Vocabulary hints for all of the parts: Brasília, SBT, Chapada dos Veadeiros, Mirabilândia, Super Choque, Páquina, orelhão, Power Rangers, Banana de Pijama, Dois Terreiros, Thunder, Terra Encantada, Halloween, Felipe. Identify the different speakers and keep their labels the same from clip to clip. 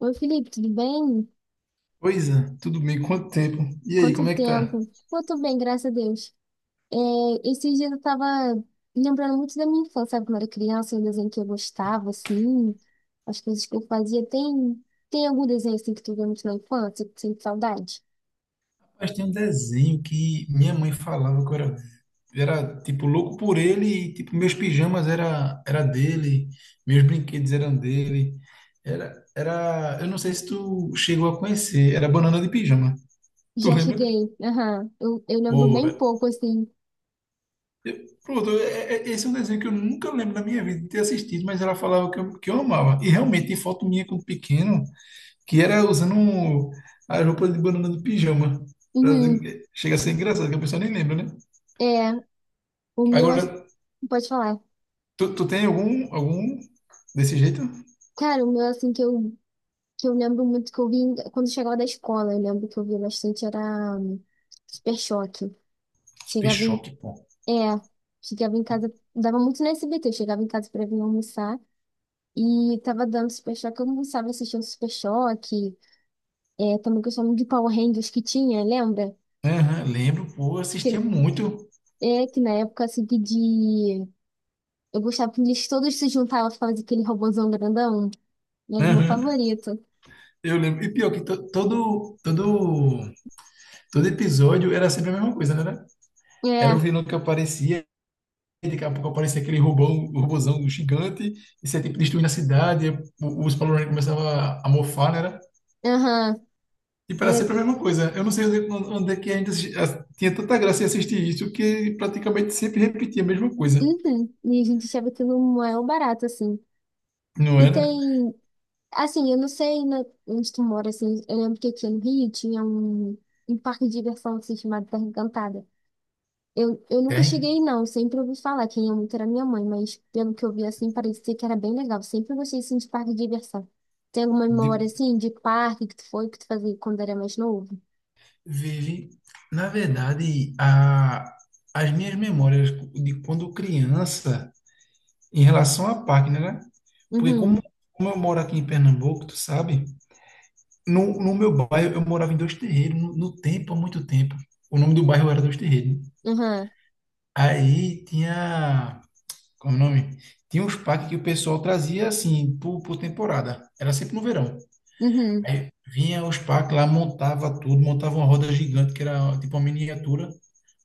Speaker 1: Oi, Felipe, tudo bem?
Speaker 2: Pois é, tudo bem, quanto tempo? E aí,
Speaker 1: Quanto
Speaker 2: como é que tá?
Speaker 1: tempo? Pô, tô bem, graças a Deus. É, esses dias eu tava lembrando muito da minha infância, sabe? Quando eu era criança, o desenho que eu gostava, assim, as coisas que eu fazia. Tem algum desenho, assim, que tu vê muito na infância, que tu sente saudade?
Speaker 2: Mas tem um desenho que minha mãe falava que eu era tipo louco por ele, e tipo meus pijamas era dele, meus brinquedos eram dele. Eu não sei se tu chegou a conhecer, era Banana de Pijama. Tu
Speaker 1: Já
Speaker 2: lembra?
Speaker 1: cheguei, aham. Eu lembro
Speaker 2: Pô,
Speaker 1: bem
Speaker 2: velho.
Speaker 1: pouco, assim.
Speaker 2: Pronto, esse é um desenho que eu nunca lembro da minha vida de ter assistido, mas ela falava que eu amava. E realmente tem foto minha quando pequeno que era usando as roupas de Banana de Pijama. Pra-
Speaker 1: Uhum.
Speaker 2: Chega a ser engraçado, que a pessoa nem lembra, né?
Speaker 1: É, o meu,
Speaker 2: Agora,
Speaker 1: ass- pode falar.
Speaker 2: tu tem algum desse jeito?
Speaker 1: Cara, o meu, assim, que eu lembro muito que eu vi em- quando eu chegava da escola, eu lembro que eu vi bastante, era Super Choque.
Speaker 2: Super
Speaker 1: Chegava em
Speaker 2: Choque, pô.
Speaker 1: é, chegava em casa, dava muito no SBT, eu chegava em casa pra vir almoçar e tava dando Super Choque, eu almoçava assistindo Super Choque, é, também que eu chamo de Power Rangers que tinha, lembra?
Speaker 2: Aham, lembro, pô, assistia
Speaker 1: Que,
Speaker 2: muito.
Speaker 1: é, que na época, assim, que de... Eu gostava que eles todos se juntavam pra fazer aquele robôzão grandão, era o meu
Speaker 2: Aham,
Speaker 1: favorito.
Speaker 2: eu lembro. E pior que todo episódio era sempre a mesma coisa, né? Era o
Speaker 1: É,
Speaker 2: vilão que aparecia, e daqui a pouco aparecia aquele robozão gigante, e você, tipo, destruindo a cidade, e os Power Rangers começavam a mofar, né?
Speaker 1: aham,
Speaker 2: E para
Speaker 1: era...
Speaker 2: sempre a mesma coisa. Eu não sei onde é que ainda tinha tanta graça em assistir isso, que praticamente sempre repetia a mesma coisa.
Speaker 1: Uhum, e a gente achava aquilo um maior barato, assim.
Speaker 2: Não
Speaker 1: E
Speaker 2: era?
Speaker 1: tem assim, eu não sei na- onde tu mora, assim, eu lembro que aqui no Rio tinha um parque de diversão assim, chamado Terra Encantada. Eu nunca
Speaker 2: Tem.
Speaker 1: cheguei, não, sempre ouvi falar, quem ia muito era minha mãe, mas pelo que eu vi, assim, parecia que era bem legal. Sempre gostei, assim, de parque de diversão. Tem alguma memória,
Speaker 2: De-
Speaker 1: assim, de parque que tu foi, que tu fazia quando era mais novo?
Speaker 2: Vive. Na verdade, as minhas memórias de quando criança, em relação à Páquina, né? Porque
Speaker 1: Uhum,
Speaker 2: como eu moro aqui em Pernambuco, tu sabe? No meu bairro, eu morava em Dois Terreiros, no tempo, há muito tempo. O nome do bairro era Dois Terreiros.
Speaker 1: uhum,
Speaker 2: Aí tinha. Como é o nome? Tinha uns packs que o pessoal trazia assim, por temporada. Era sempre no verão.
Speaker 1: uhum,
Speaker 2: Aí vinha os packs lá, montava tudo, montava uma roda gigante, que era tipo uma miniatura.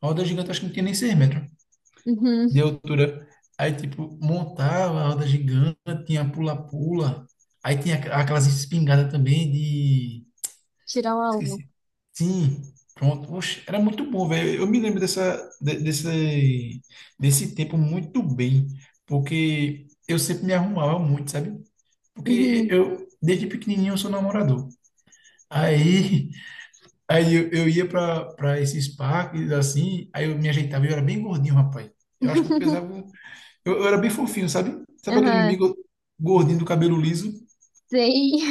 Speaker 2: A roda gigante acho que não tinha nem 6 metros
Speaker 1: uhum,
Speaker 2: de altura. Aí, tipo, montava a roda gigante, tinha pula-pula. Aí tinha aquelas espingardas também de,
Speaker 1: tirar o alvo,
Speaker 2: esqueci. Sim, pronto. Oxe, era muito bom, velho. Eu me lembro desse, desse tempo muito bem, porque eu sempre me arrumava muito, sabe? Porque
Speaker 1: uhum,
Speaker 2: eu, desde pequenininho, eu sou namorador. Aí, aí eu ia para esses parques, assim, aí eu me ajeitava, eu era bem gordinho, rapaz. Eu acho que eu pesava, eu era bem fofinho, sabe? Sabe aquele
Speaker 1: uhum,
Speaker 2: amigo gordinho do cabelo liso?
Speaker 1: sei,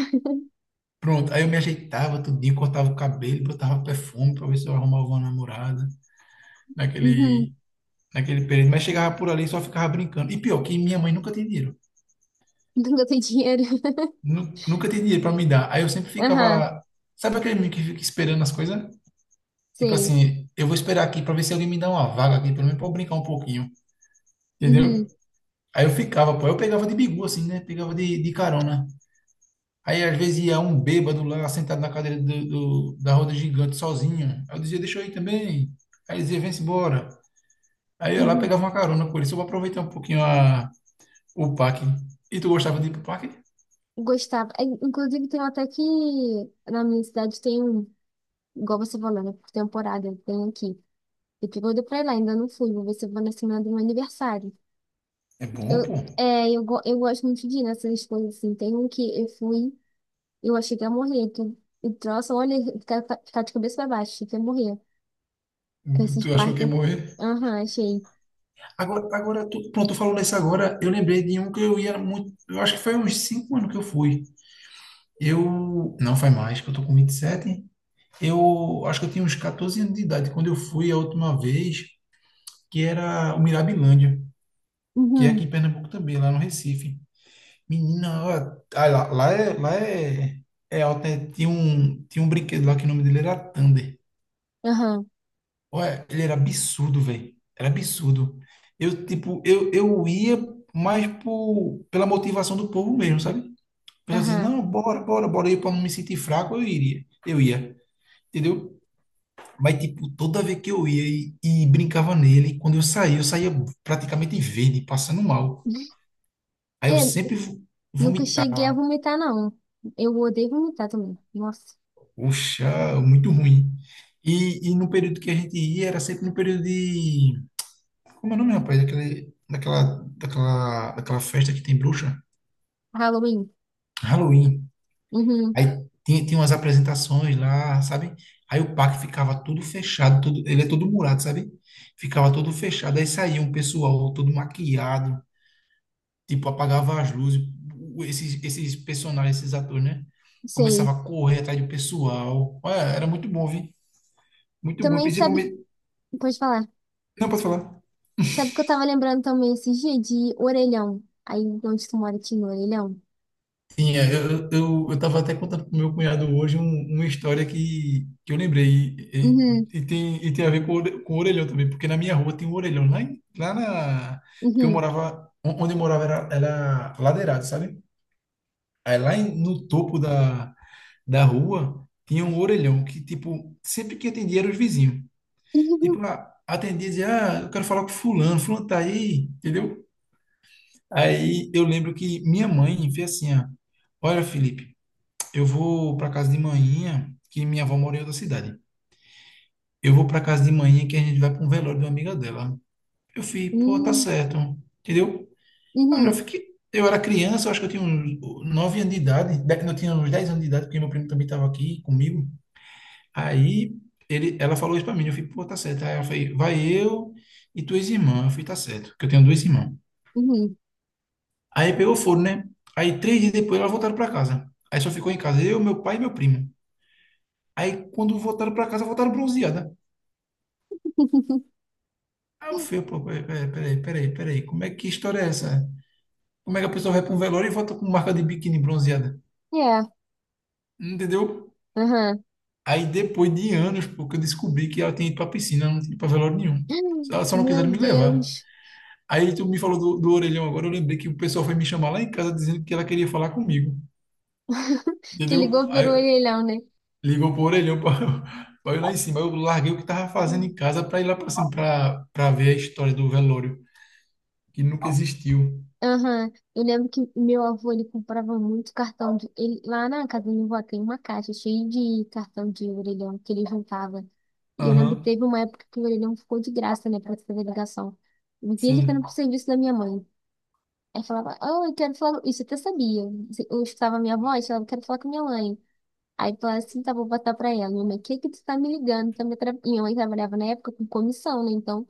Speaker 2: Pronto, aí eu me ajeitava tudinho, cortava o cabelo, botava perfume para ver se eu arrumava uma namorada.
Speaker 1: uhum,
Speaker 2: Naquele, naquele período, mas chegava por ali e só ficava brincando. E pior, que minha mãe nunca tinha dinheiro.
Speaker 1: nunca tem dinheiro,
Speaker 2: Nunca tinha dinheiro para me dar. Aí eu sempre
Speaker 1: aham,
Speaker 2: ficava. Sabe aquele menino que fica esperando as coisas? Tipo
Speaker 1: sei.
Speaker 2: assim, eu vou esperar aqui para ver se alguém me dá uma vaga aqui, pelo menos para eu brincar um pouquinho. Entendeu?
Speaker 1: Uhum.
Speaker 2: Aí eu ficava, pô. Eu pegava de bigu, assim, né? Pegava de carona. Aí às vezes ia um bêbado lá sentado na cadeira da roda gigante sozinho. Aí eu dizia, deixa eu ir também. Aí ele dizia, vem-se embora. Aí eu lá
Speaker 1: Uhum.
Speaker 2: pegava uma carona com ele, só para aproveitar um pouquinho a, o Pac. E tu gostava de ir pro Pac?
Speaker 1: Gostava. É, inclusive, tem até que na minha cidade tem um, igual você falou, né? Por temporada, tem aqui. Eu tô doida pra ir lá, ainda não fui, vou ver se eu vou na semana do meu aniversário.
Speaker 2: É bom,
Speaker 1: Eu,
Speaker 2: pô.
Speaker 1: é, eu, go- eu gosto muito de ir nessas coisas assim. Tem um que eu fui, eu achei que ia morrer. Que, e troço, olha, ficar de cabeça pra baixo, achei que ia morrer. Com esses
Speaker 2: Tu achou que
Speaker 1: parques.
Speaker 2: ia morrer?
Speaker 1: Aham, achei.
Speaker 2: Agora, tu, pronto, tu falou nisso agora. Eu lembrei de um que eu ia muito. Eu acho que foi uns 5 anos que eu fui. Eu. Não faz mais, que eu tô com 27. Eu acho que eu tinha uns 14 anos de idade quando eu fui a última vez, que era o Mirabilândia, que é
Speaker 1: Uhum,
Speaker 2: aqui em Pernambuco também, lá no Recife. Menina, ó, ah, lá é, é alto, né? Tinha um brinquedo lá que o nome dele era Thunder.
Speaker 1: aham,
Speaker 2: Ué, ele era absurdo, velho. Era absurdo. Eu ia mais pela motivação do povo mesmo, sabe? O pessoal dizia,
Speaker 1: aham.
Speaker 2: não, bora, bora, bora. Eu, pra não me sentir fraco, eu iria. Eu ia, entendeu? Mas, tipo, toda vez que eu ia e brincava nele, quando eu saía praticamente verde, passando mal. Aí eu
Speaker 1: É,
Speaker 2: sempre
Speaker 1: nunca cheguei a
Speaker 2: vomitava.
Speaker 1: vomitar, não. Eu odeio vomitar também. Nossa,
Speaker 2: Poxa, muito ruim. E no período que a gente ia, era sempre no período de, como é o nome, rapaz? Daquele, daquela festa que tem bruxa?
Speaker 1: Halloween.
Speaker 2: Halloween.
Speaker 1: Uhum,
Speaker 2: Aí tinha umas apresentações lá, sabe? Aí o parque ficava tudo fechado, tudo, ele é todo murado, sabe? Ficava todo fechado. Aí saía um pessoal todo maquiado, tipo, apagava as luzes. Esses personagens, esses atores, né?
Speaker 1: sei.
Speaker 2: Começava a correr atrás do pessoal. Olha, era muito bom, viu? Muito bom.
Speaker 1: Também sabe,
Speaker 2: Principalmente.
Speaker 1: pode falar.
Speaker 2: Não, posso falar.
Speaker 1: Sabe que eu tava lembrando também esses dias de orelhão. Aí onde tu mora tinha orelhão?
Speaker 2: Sim, é, eu tava até contando pro meu cunhado hoje uma história que eu lembrei
Speaker 1: Uhum,
Speaker 2: e tem a ver com, com o orelhão também, porque na minha rua tem um orelhão lá, lá na... Porque eu
Speaker 1: uhum,
Speaker 2: morava, onde eu morava era, era ladeirado, sabe? Aí no topo da rua tinha um orelhão que, tipo, sempre que atendia era os vizinhos.
Speaker 1: uhum,
Speaker 2: Tipo, ah, atendia e dizia, ah, eu quero falar com fulano, fulano tá aí, entendeu? Aí eu lembro que minha mãe fez assim, ó, olha, Felipe, eu vou para casa de manhã, que minha avó mora em outra cidade. Eu vou para casa de manhã que a gente vai para um velório de uma amiga dela. Eu fui, pô, tá
Speaker 1: uhum,
Speaker 2: certo, entendeu? Eu já
Speaker 1: uhum,
Speaker 2: fiquei. Eu era criança, eu acho que eu tinha uns 9 anos de idade, não, eu tinha uns 10 anos de idade, porque meu primo também estava aqui comigo. Aí ela falou isso para mim, eu fui, pô, tá certo. Aí ela foi, vai eu e tuas irmãs. Eu fui, tá certo, que eu tenho dois irmãos.
Speaker 1: uhum.
Speaker 2: Aí pegou fogo, né? Aí três dias depois elas voltaram para casa. Aí só ficou em casa eu, meu pai e meu primo. Aí quando voltaram para casa, voltaram bronzeados. Aí eu fui, pô, peraí, como é que história é essa? Como é que a pessoa vai para um velório e volta com marca de biquíni bronzeada?
Speaker 1: É,
Speaker 2: Entendeu?
Speaker 1: aham.
Speaker 2: Aí depois de anos, pô, que eu descobri que ela tinha ido para piscina, ela não tinha ido para velório nenhum. Ela só não
Speaker 1: Meu
Speaker 2: quiseram me levar.
Speaker 1: Deus.
Speaker 2: Aí tu me falou do orelhão agora, eu lembrei que o pessoal foi me chamar lá em casa dizendo que ela queria falar comigo.
Speaker 1: Que
Speaker 2: Entendeu?
Speaker 1: ligou pelo
Speaker 2: Aí
Speaker 1: orelhão, né?
Speaker 2: ligou pro orelhão para eu ir lá em cima. Aí eu larguei o que tava fazendo em casa para ir lá para cima, para ver a história do velório, que nunca existiu.
Speaker 1: Aham, eu lembro que meu avô, ele comprava muito cartão de... Ele, lá na casa do meu avô tem uma caixa cheia de cartão de orelhão que ele juntava. E eu lembro que
Speaker 2: Aham,
Speaker 1: teve uma época que o orelhão ficou de graça, né, pra fazer ligação. Eu vi ele ficando pro
Speaker 2: sim.
Speaker 1: serviço da minha mãe. Aí falava, oh, eu quero falar... Isso eu até sabia. Assim, eu escutava a minha voz, falava, eu quero falar com minha mãe. Aí eu falava assim, tá, vou botar pra ela. Minha mãe, o que que tu tá me ligando? Tá me atra- Minha mãe trabalhava na época com comissão, né, então...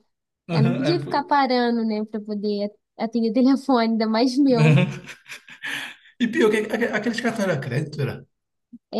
Speaker 1: Ela não
Speaker 2: Aham,
Speaker 1: podia
Speaker 2: era por-
Speaker 1: ficar parando, né, pra poder atender telefone, ainda mais meu.
Speaker 2: E pior, que aqueles cartões era crédito, era?
Speaker 1: É,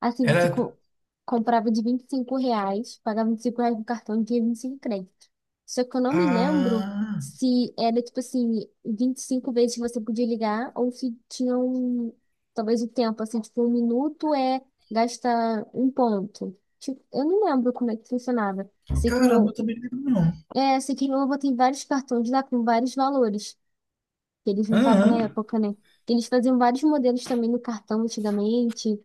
Speaker 1: assim, você
Speaker 2: Era.
Speaker 1: co- comprava de R$ 25, pagava R$ 25 no cartão e tinha 25 créditos. Só que eu não me lembro
Speaker 2: Ah,
Speaker 1: se era, tipo assim, 25 vezes que você podia ligar ou se tinha um, talvez o tempo, assim, tipo, um minuto é gasta um ponto. Tipo, eu não lembro como é que funcionava. Sei que
Speaker 2: caramba, eu
Speaker 1: meu,
Speaker 2: também não lembro, não.
Speaker 1: é, sei que meu avô tem vários cartões lá com vários valores que ele juntava na
Speaker 2: Aham.
Speaker 1: época, né? Eles faziam vários modelos também no cartão antigamente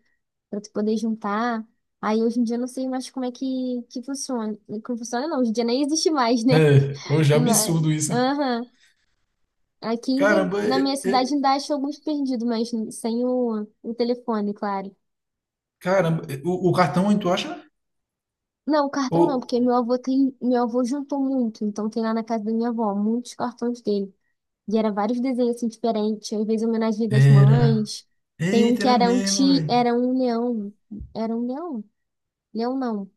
Speaker 1: para tu poder juntar. Aí hoje em dia eu não sei mais como é que funciona. Como funciona não, hoje em dia nem existe mais, né?
Speaker 2: É, hoje é
Speaker 1: Mas,
Speaker 2: absurdo isso.
Speaker 1: aham. Aqui ainda,
Speaker 2: Caramba,
Speaker 1: na minha cidade ainda acho alguns perdidos, mas sem o telefone, claro.
Speaker 2: caramba, é, o cartão, hein, tu acha?
Speaker 1: Não, o cartão não,
Speaker 2: Ou.
Speaker 1: porque meu avô tem, meu avô juntou muito, então tem lá na casa da minha avó muitos cartões dele. E era vários desenhos assim diferentes, às vezes homenagem das
Speaker 2: Era.
Speaker 1: mães. Tem um
Speaker 2: Eita,
Speaker 1: que
Speaker 2: era
Speaker 1: era um
Speaker 2: mesmo,
Speaker 1: ti,
Speaker 2: velho.
Speaker 1: era um leão, leão não.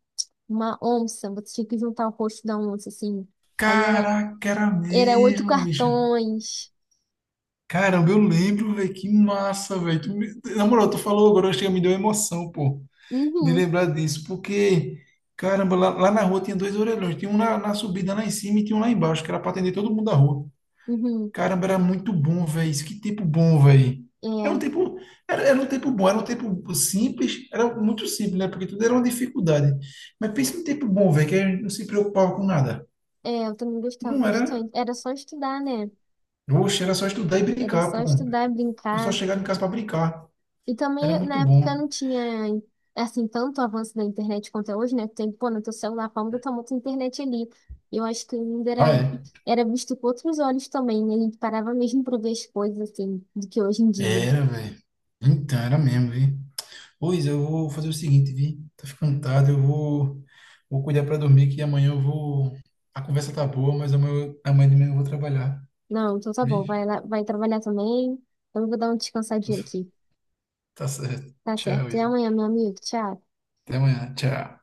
Speaker 1: Uma onça, você tinha que juntar o rosto da onça, assim. Aí era,
Speaker 2: Caraca, era
Speaker 1: era oito
Speaker 2: mesmo, bicho.
Speaker 1: cartões.
Speaker 2: Caramba, eu lembro, velho, que massa, velho. Na moral, tu falou agora, chega, me deu emoção, pô, de
Speaker 1: Uhum,
Speaker 2: lembrar disso, porque, caramba, lá na rua tinha dois orelhões, tinha um na subida lá em cima, e tinha um lá embaixo, que era para atender todo mundo da rua.
Speaker 1: uhum.
Speaker 2: Caramba, era muito bom, velho. Isso que tempo bom, velho. Era um tempo, era um tempo bom, era um tempo simples, era muito simples, né? Porque tudo era uma dificuldade. Mas pensa num tempo bom, velho, que a gente não se preocupava com nada.
Speaker 1: É, é, eu também gostava
Speaker 2: Não era,
Speaker 1: bastante. Era só estudar, né?
Speaker 2: oxe, era só estudar e
Speaker 1: Era
Speaker 2: brincar,
Speaker 1: só
Speaker 2: pô.
Speaker 1: estudar,
Speaker 2: Eu só
Speaker 1: brincar.
Speaker 2: chegava em casa para brincar.
Speaker 1: E
Speaker 2: Era
Speaker 1: também,
Speaker 2: muito
Speaker 1: na época,
Speaker 2: bom.
Speaker 1: não tinha, assim, tanto avanço da internet quanto é hoje, né? Tem, pô, no teu celular, falando, eu tomo tua internet ali. Eu acho que ainda
Speaker 2: Ah,
Speaker 1: era,
Speaker 2: é.
Speaker 1: era visto com outros olhos também, né? A gente parava mesmo pra ver as coisas, assim, do que hoje em dia.
Speaker 2: Era, velho. Então, era mesmo, viu? Pois eu vou fazer o seguinte, vi, tá ficando tarde, vou cuidar para dormir que amanhã eu vou. A conversa tá boa, mas amanhã de manhã eu vou trabalhar,
Speaker 1: Não, então tá bom.
Speaker 2: vi?
Speaker 1: Vai lá, vai trabalhar também. Então eu vou dar um descansadinho aqui.
Speaker 2: Tá certo.
Speaker 1: Tá certo.
Speaker 2: Tchau,
Speaker 1: Até
Speaker 2: Isa.
Speaker 1: amanhã, meu amigo. Tchau.
Speaker 2: Até amanhã. Tchau.